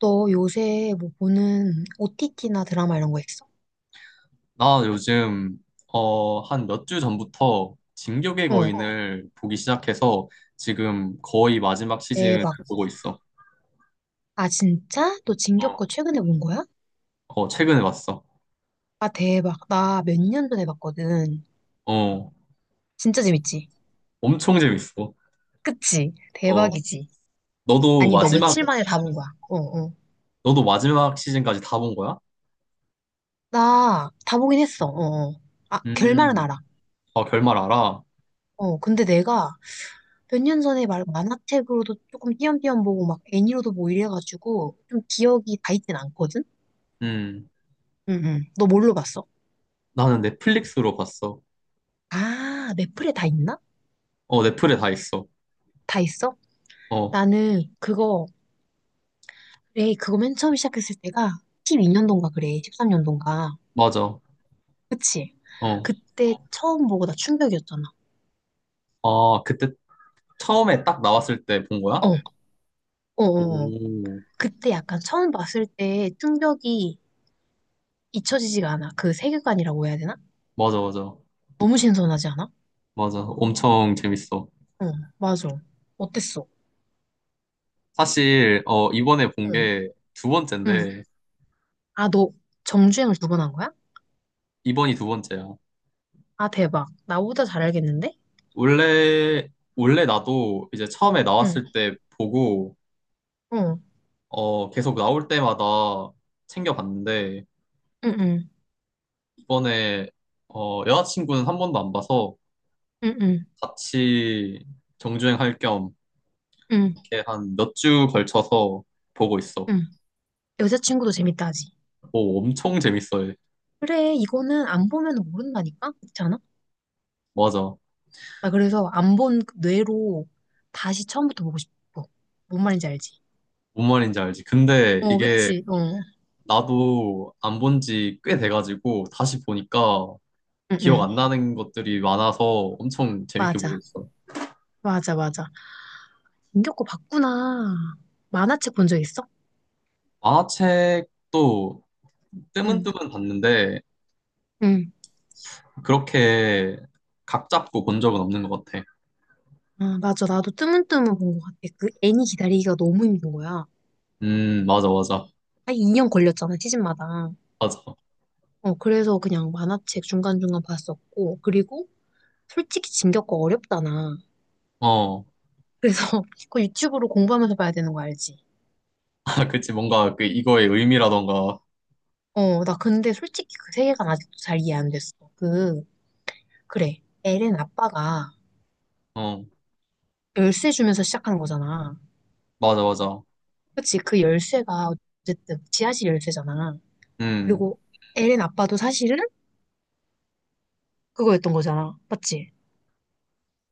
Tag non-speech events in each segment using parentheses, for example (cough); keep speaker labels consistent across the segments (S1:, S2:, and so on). S1: 너 요새 뭐 보는 OTT나 드라마 이런 거 있어?
S2: 나 요즘 한 몇 주 전부터 진격의
S1: 어,
S2: 거인을 보기 시작해서 지금 거의 마지막 시즌을,
S1: 대박.
S2: 그래? 보고 있어.
S1: 아, 진짜? 너
S2: 어,
S1: 진격거 최근에 본 거야?
S2: 최근에 봤어.
S1: 아, 대박. 나 몇 년 전에 봤거든.
S2: 어,
S1: 진짜 재밌지?
S2: 엄청 재밌어.
S1: 그치?
S2: 어,
S1: 대박이지?
S2: 너도 아니,
S1: 아니, 너
S2: 마지막
S1: 며칠 만에 다 본 거야? 어, 어.
S2: 너도 마지막 시즌까지 다 본 거야?
S1: 나 다 보긴 했어. 어, 어. 아, 결말은
S2: 음,
S1: 알아.
S2: 아, 결말 알아?
S1: 어, 근데 내가 몇 년 전에 말 만화책으로도 조금 띄엄띄엄 보고 막 애니로도 뭐 이래가지고 좀 기억이 다 있진 않거든?
S2: 음,
S1: 응, 응. 너 뭘로 봤어?
S2: 나는 넷플릭스로 봤어.
S1: 아, 넷플에 다 있나?
S2: 넷플에 다 있어.
S1: 다 있어?
S2: 어.
S1: 나는 그거, 그래, 그거 맨 처음 시작했을 때가 12년도인가 그래, 13년도인가.
S2: 맞아.
S1: 그치?
S2: 어.
S1: 그때 처음 보고 나 충격이었잖아.
S2: 아, 그때 처음에 딱 나왔을 때 본 거야?
S1: 어, 어, 어. 어.
S2: 오,
S1: 그때 약간 처음 봤을 때 충격이 잊혀지지가 않아. 그 세계관이라고 해야 되나?
S2: 맞아, 맞아.
S1: 너무 신선하지 않아?
S2: 맞아. 엄청 재밌어.
S1: 응, 맞아. 어땠어?
S2: 사실, 이번에 본
S1: 응,
S2: 게 두
S1: 응.
S2: 번째인데,
S1: 아, 너 정주행을 두 번 한 거야?
S2: 이번이 두 번째야.
S1: 아, 대박. 나보다 잘 알겠는데?
S2: 원래, 원래 나도 이제 처음에
S1: 응,
S2: 나왔을 때 보고,
S1: 어, 응,
S2: 계속 나올 때마다 챙겨봤는데,
S1: 응,
S2: 이번에, 여자친구는 한 번도 안 봐서
S1: 응, 응,
S2: 같이 정주행할 겸,
S1: 응,
S2: 이렇게 한 몇 주 걸쳐서 보고 있어.
S1: 응. 여자친구도 재밌다 하지.
S2: 오, 엄청 재밌어.
S1: 그래, 이거는 안 보면 모른다니까? 그렇지 않아?
S2: 맞아.
S1: 아, 그래서 안 본 뇌로 다시 처음부터 보고 싶어. 뭔 말인지 알지?
S2: 뭔 말인지 알지. 근데
S1: 어,
S2: 이게
S1: 그치? 어. 응,
S2: 나도 안 본 지 꽤 돼가지고 다시 보니까 기억
S1: 응.
S2: 안 나는 것들이 많아서 엄청 재밌게 보고
S1: 맞아.
S2: 있어.
S1: 맞아, 맞아. 김겹고 봤구나. 만화책 본 적 있어?
S2: 만화책도
S1: 응.
S2: 뜨문뜨문 봤는데
S1: 응.
S2: 그렇게 각 잡고 본 적은 없는 것 같아.
S1: 아, 맞아. 나도 뜨문뜨문 본 것 같아. 그 애니 기다리기가 너무 힘든 거야.
S2: 맞아, 맞아,
S1: 한 2년 걸렸잖아, 시즌마다.
S2: 맞아.
S1: 어, 그래서 그냥 만화책 중간중간 봤었고. 그리고 솔직히 진격거 어렵잖아.
S2: 어,
S1: 그래서 (laughs) 그거 유튜브로 공부하면서 봐야 되는 거 알지?
S2: (laughs) 아, 그치, 뭔가 그 이거의 의미라던가.
S1: 어, 나 근데 솔직히 그 세계관 아직도 잘 이해 안 됐어. 그, 그래. 엘렌 아빠가
S2: 어,
S1: 열쇠 주면서 시작한 거잖아.
S2: 맞아, 맞아.
S1: 그치? 그 열쇠가 어쨌든 지하실 열쇠잖아.
S2: 음,
S1: 그리고 엘렌 아빠도 사실은 그거였던 거잖아. 맞지?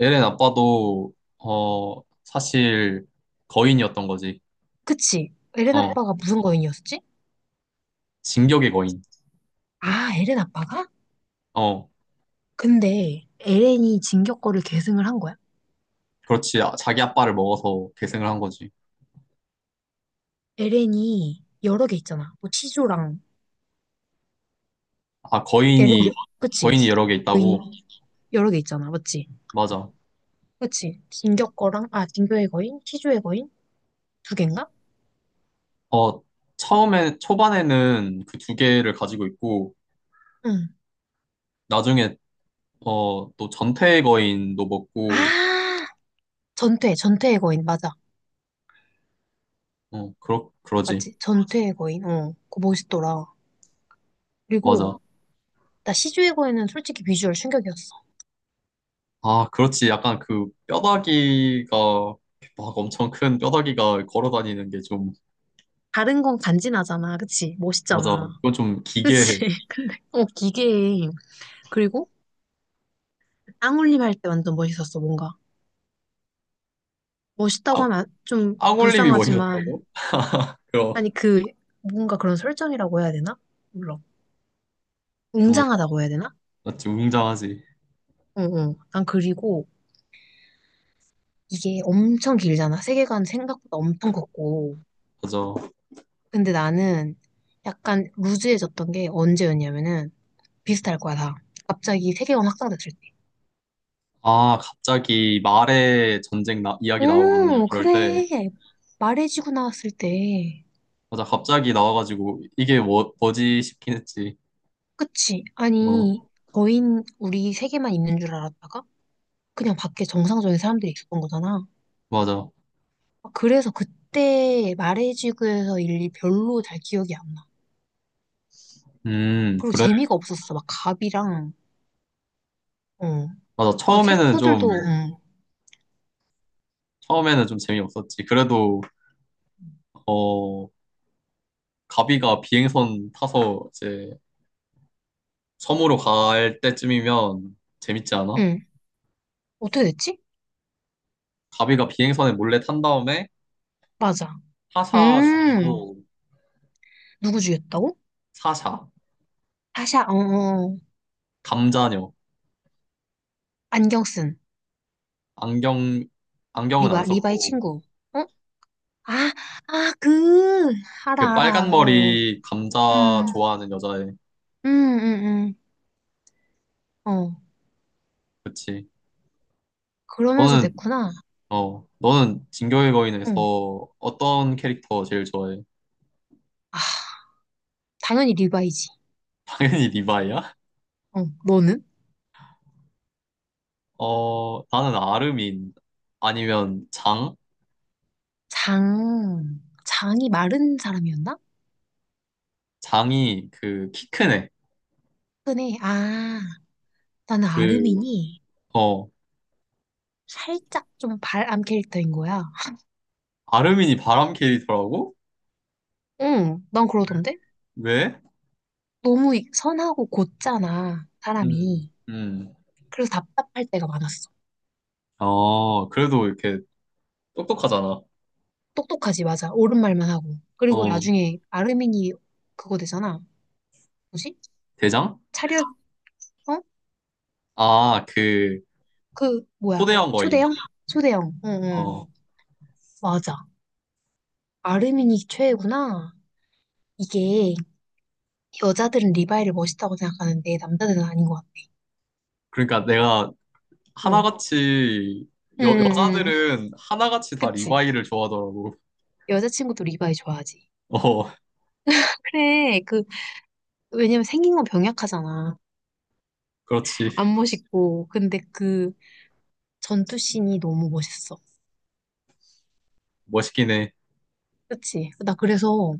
S2: 에렌 아빠도 어, 사실 거인이었던 거지.
S1: 그치? 엘렌
S2: 어,
S1: 아빠가 무슨 거인이었지?
S2: 진격의 거인.
S1: 아, 엘렌 아빠가?
S2: 어.
S1: 근데 엘렌이 진격거를 계승을 한 거야?
S2: 그렇지. 아, 자기 아빠를 먹어서 계승을 한 거지.
S1: 엘렌이 여러 개 있잖아. 뭐 치조랑
S2: 아,
S1: 엘렌 여,
S2: 거인이,
S1: 그치?
S2: 거인이 여러 개
S1: 거인이
S2: 있다고?
S1: 여러 개 있잖아. 맞지?
S2: 맞아.
S1: 그치? 진격 거랑, 아, 진교의 거인? 시주의 거인? 두 갠가?
S2: 어, 처음에, 초반에는 그 두 개를 가지고 있고,
S1: 응.
S2: 나중에, 또 전태 거인도 먹고,
S1: 아, 전퇴의 거인, 맞아.
S2: 그러지.
S1: 맞지? 전퇴의 거인, 어. 그거 멋있더라. 그리고,
S2: 맞아.
S1: 나 시주의 거인은 솔직히 비주얼 충격이었어.
S2: 아, 그렇지. 약간 그 뼈다귀가, 막 엄청 큰 뼈다귀가 걸어 다니는 게 좀,
S1: 다른 건 간지나잖아, 그치?
S2: 맞아.
S1: 멋있잖아.
S2: 그건 좀 기괴해.
S1: 그치? (laughs) 어, 기계 그리고, 땅울림 할 때 완전 멋있었어, 뭔가. 멋있다고
S2: 아,
S1: 하면 좀
S2: 앙올림이 뭐이었다
S1: 불쌍하지만,
S2: 고 (laughs) 그럼.
S1: 아니, 그, 뭔가 그런 설정이라고 해야 되나? 몰라.
S2: 음,
S1: 웅장하다고 해야 되나?
S2: 맞지. 웅장하지.
S1: 어, 어. 난 그리고, 이게 엄청 길잖아. 세계관 생각보다 엄청 컸고.
S2: 맞아.
S1: 근데 나는 약간 루즈해졌던 게 언제였냐면은 비슷할 거야, 다. 갑자기 세계관 확장됐을 때.
S2: 아, 갑자기 말에 전쟁 나, 이야기 나오고
S1: 오,
S2: 그럴 때,
S1: 그래. 말해지고 나왔을 때.
S2: 맞아, 갑자기 나와가지고 이게 뭐, 뭐지 싶긴 했지.
S1: 그치? 아니,
S2: 어,
S1: 거인 우리 세계만 있는 줄 알았다가 그냥 밖에 정상적인 사람들이 있었던 거잖아.
S2: 맞아.
S1: 그래서 그때 말해지고에서 일이 별로 잘 기억이 안 나. 그리고
S2: 그래.
S1: 재미가 없었어. 막 갑이랑, 어.
S2: 맞아.
S1: 막 캐릭터들도, 응.
S2: 처음에는 좀 재미없었지. 그래도, 어, 가비가 비행선 타서 이제 섬으로 갈 때쯤이면 재밌지 않아?
S1: 응. 어떻게 됐지?
S2: 가비가 비행선에 몰래 탄 다음에
S1: 맞아.
S2: 타사
S1: 음,
S2: 죽이고,
S1: 누구 죽였다고?
S2: 사샤,
S1: 하샤 어, 어,
S2: 감자녀,
S1: 안경 쓴,
S2: 안경, 안경은 안
S1: 리바, 리바의
S2: 썼고,
S1: 친구. 어? 아, 아, 그,
S2: 그
S1: 알아,
S2: 빨간
S1: 알아, 어, 어.
S2: 머리 감자
S1: 음,
S2: 좋아하는 여자애.
S1: 음, 음, 어.
S2: 그치.
S1: 그러면서
S2: 너는,
S1: 됐구나.
S2: 너는 진격의 거인에서
S1: 응.
S2: 어떤 캐릭터 제일 좋아해? (laughs)
S1: 아, 당연히 리바이지.
S2: 당연히 리바이야?
S1: 어, 너는?
S2: 나는 아르민 아니면 장?
S1: 장, 장이 마른 사람이었나?
S2: 장이 그 키 큰 애.
S1: 그네, 아, 나는
S2: 그,
S1: 아르민이
S2: 어,
S1: 살짝 좀 발암 캐릭터인 거야.
S2: 아르민이 바람 캐릭터라고?
S1: 응, 난 그러던데?
S2: 왜?
S1: 너무 선하고 곧잖아,
S2: 음,
S1: 사람이.
S2: 음.
S1: 그래서 답답할 때가 많았어.
S2: 그래도 이렇게 똑똑하잖아.
S1: 똑똑하지, 맞아. 옳은 말만 하고. 그리고
S2: 어,
S1: 나중에 아르민이 그거 되잖아. 뭐지?
S2: 대장?
S1: 차렷, 어?
S2: 아, 그,
S1: 그, 뭐야.
S2: 초대형 거인.
S1: 초대형? 초대형. 응,
S2: 어,
S1: 응. 맞아. 아르민이 최애구나. 이게 여자들은 리바이를 멋있다고 생각하는데 남자들은 아닌 것 같아.
S2: 그러니까 내가
S1: 응.
S2: 하나같이
S1: 응, 응, 응.
S2: 여자들은 하나같이 다
S1: 그치.
S2: 리바이를 좋아하더라고.
S1: 여자친구도 리바이 좋아하지.
S2: (laughs) 어,
S1: 그래. 그, 왜냐면 생긴 건 병약하잖아.
S2: 그렇지.
S1: 안 멋있고. 근데 그, 전투씬이 너무 멋있어.
S2: 멋있긴 해.
S1: 그치? 나 그래서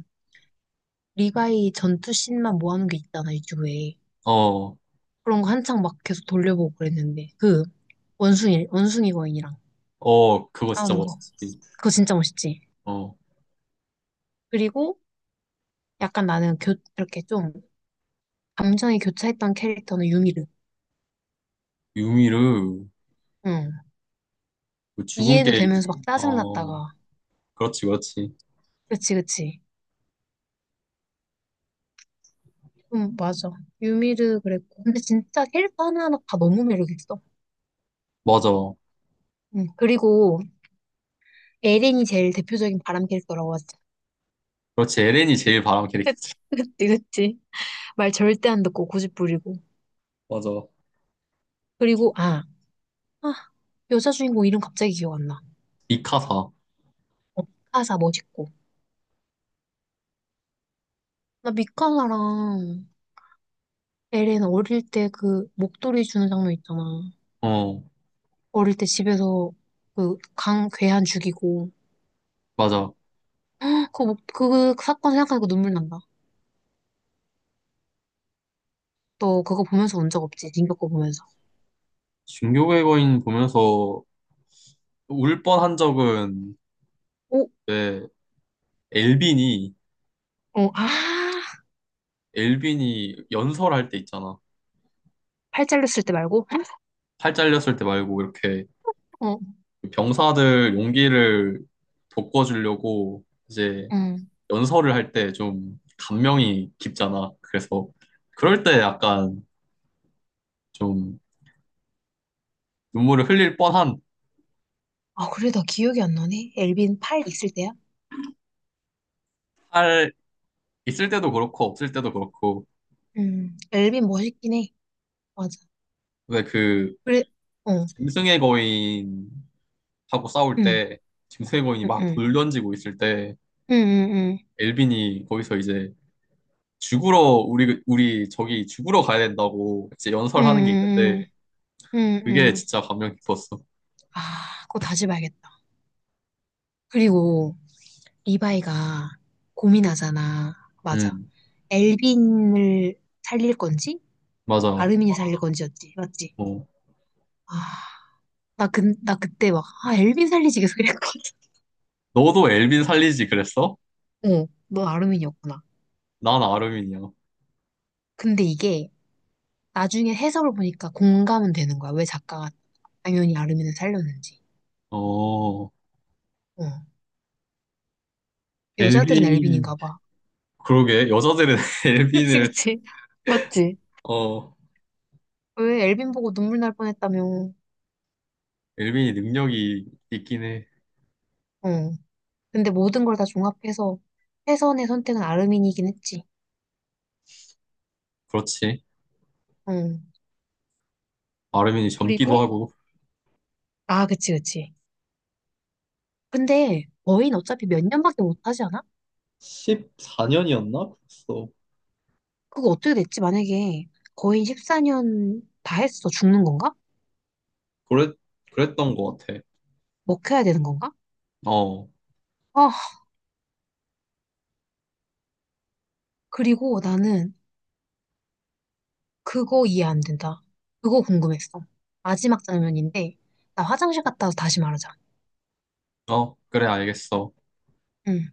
S1: 리바이 전투씬만 모아놓은 게 있잖아, 유튜브에.
S2: 어,
S1: 그런 거 한창 막 계속 돌려보고 그랬는데. 그, 원숭이 거인이랑
S2: 그거 진짜
S1: 싸우는 거.
S2: 멋있지.
S1: 그거 진짜 멋있지?
S2: 어,
S1: 그리고 약간 나는 이렇게 좀 감정이 교차했던 캐릭터는 유미르.
S2: 유미르,
S1: 응.
S2: 그 죽은
S1: 이해도
S2: 게임.
S1: 되면서 막
S2: 어,
S1: 짜증났다가.
S2: 그렇지, 그렇지.
S1: 그치, 그치. 맞아. 유미르 그랬고. 근데 진짜 캐릭터 하나하나 다 너무 매력있어.
S2: 맞아.
S1: 응. 그리고 에린이 제일 대표적인 바람 캐릭터라고 하지.
S2: 그렇지. 에렌이 제일 바람 캐릭터지.
S1: 그치, 그치. 말 절대 안 듣고 고집 부리고.
S2: (laughs) 맞아.
S1: 그리고, 아, 아, 여자 주인공 이름 갑자기 기억 안 나.
S2: 미카사.
S1: 어, 미카사 멋있고. 나 미카사랑 에렌 어릴 때 그 목도리 주는 장면 있잖아.
S2: 어,
S1: 어릴 때 집에서 그 괴한 죽이고.
S2: 맞아.
S1: 그, 목, 그 사건 생각하니까 눈물 난다. 너 그거 보면서 운 적 없지? 링거 거 보면서.
S2: 중교의 거인 보면서 울 뻔한 적은,
S1: 오,
S2: 왜 엘빈이
S1: 어, 아,
S2: 엘빈이 연설할 때 있잖아.
S1: 팔 잘렸을 때 말고?
S2: 팔 잘렸을 때 말고 이렇게
S1: 어, 어
S2: 병사들 용기를 돋궈주려고 이제 연설을 할 때 좀 감명이 깊잖아. 그래서 그럴 때 약간 좀 눈물을 흘릴 뻔한.
S1: 아, 그래, 나 기억이 안 나네. 엘빈 팔 있을 때야?
S2: 탈 있을 때도 그렇고 없을 때도 그렇고.
S1: 엘빈 멋있긴 해. 맞아.
S2: 근데 그
S1: 그래, 어,
S2: 짐승의 거인하고 싸울
S1: 응,
S2: 때 짐승의 거인이
S1: 응,
S2: 막
S1: 응,
S2: 돌 던지고 있을 때
S1: 응, 응, 응,
S2: 엘빈이 거기서 이제 죽으러 우리 저기 죽으러 가야 된다고 이제
S1: 응,
S2: 연설하는 게
S1: 응,
S2: 있는데
S1: 응. 응.
S2: 그게
S1: 응.
S2: 진짜 감명 깊었어.
S1: 아, 그거 다시 봐야겠다. 그리고 리바이가 고민하잖아. 맞아.
S2: 음,
S1: 엘빈을 살릴 건지,
S2: 맞아.
S1: 아르민이 살릴 건지였지. 맞지?
S2: 어.
S1: 아, 나 그때 막, 아, 엘빈 살리지 계속 이랬거든.
S2: 너도 엘빈 살리지 그랬어?
S1: (laughs) 어, 너 아르민이었구나.
S2: 난 아르민이야.
S1: 근데 이게 나중에 해석을 보니까 공감은 되는 거야. 왜 작가가 당연히 아르민을 살렸는지.
S2: 어,
S1: 어. 여자들은
S2: 엘빈.
S1: 엘빈인가 봐.
S2: 그러게, 여자들은 (laughs)
S1: (laughs) 그치,
S2: 엘빈을,
S1: 그치. 맞지?
S2: 어,
S1: 왜 엘빈 보고 눈물 날 뻔했다며.
S2: 엘빈이 능력이 있긴 해.
S1: 응. 근데 모든 걸 다 종합해서 최선의 선택은 아르민이긴 했지.
S2: 그렇지.
S1: 응.
S2: 아르민이 젊기도
S1: 그리고,
S2: 하고.
S1: 아, 그치, 그치. 근데 거인 어차피 몇 년밖에 못 하지 않아?
S2: 14년이었나? 그랬어.
S1: 그거 어떻게 됐지? 만약에 거인 14년 다 했어. 죽는 건가?
S2: 그랬, 그랬던 것 같아.
S1: 먹혀야 되는 건가?
S2: 어,
S1: 아, 그리고 나는 그거 이해 안 된다. 그거 궁금했어. 마지막 장면인데, 나 화장실 갔다 와서 다시 말하자.
S2: 어, 그래, 알겠어.
S1: 응.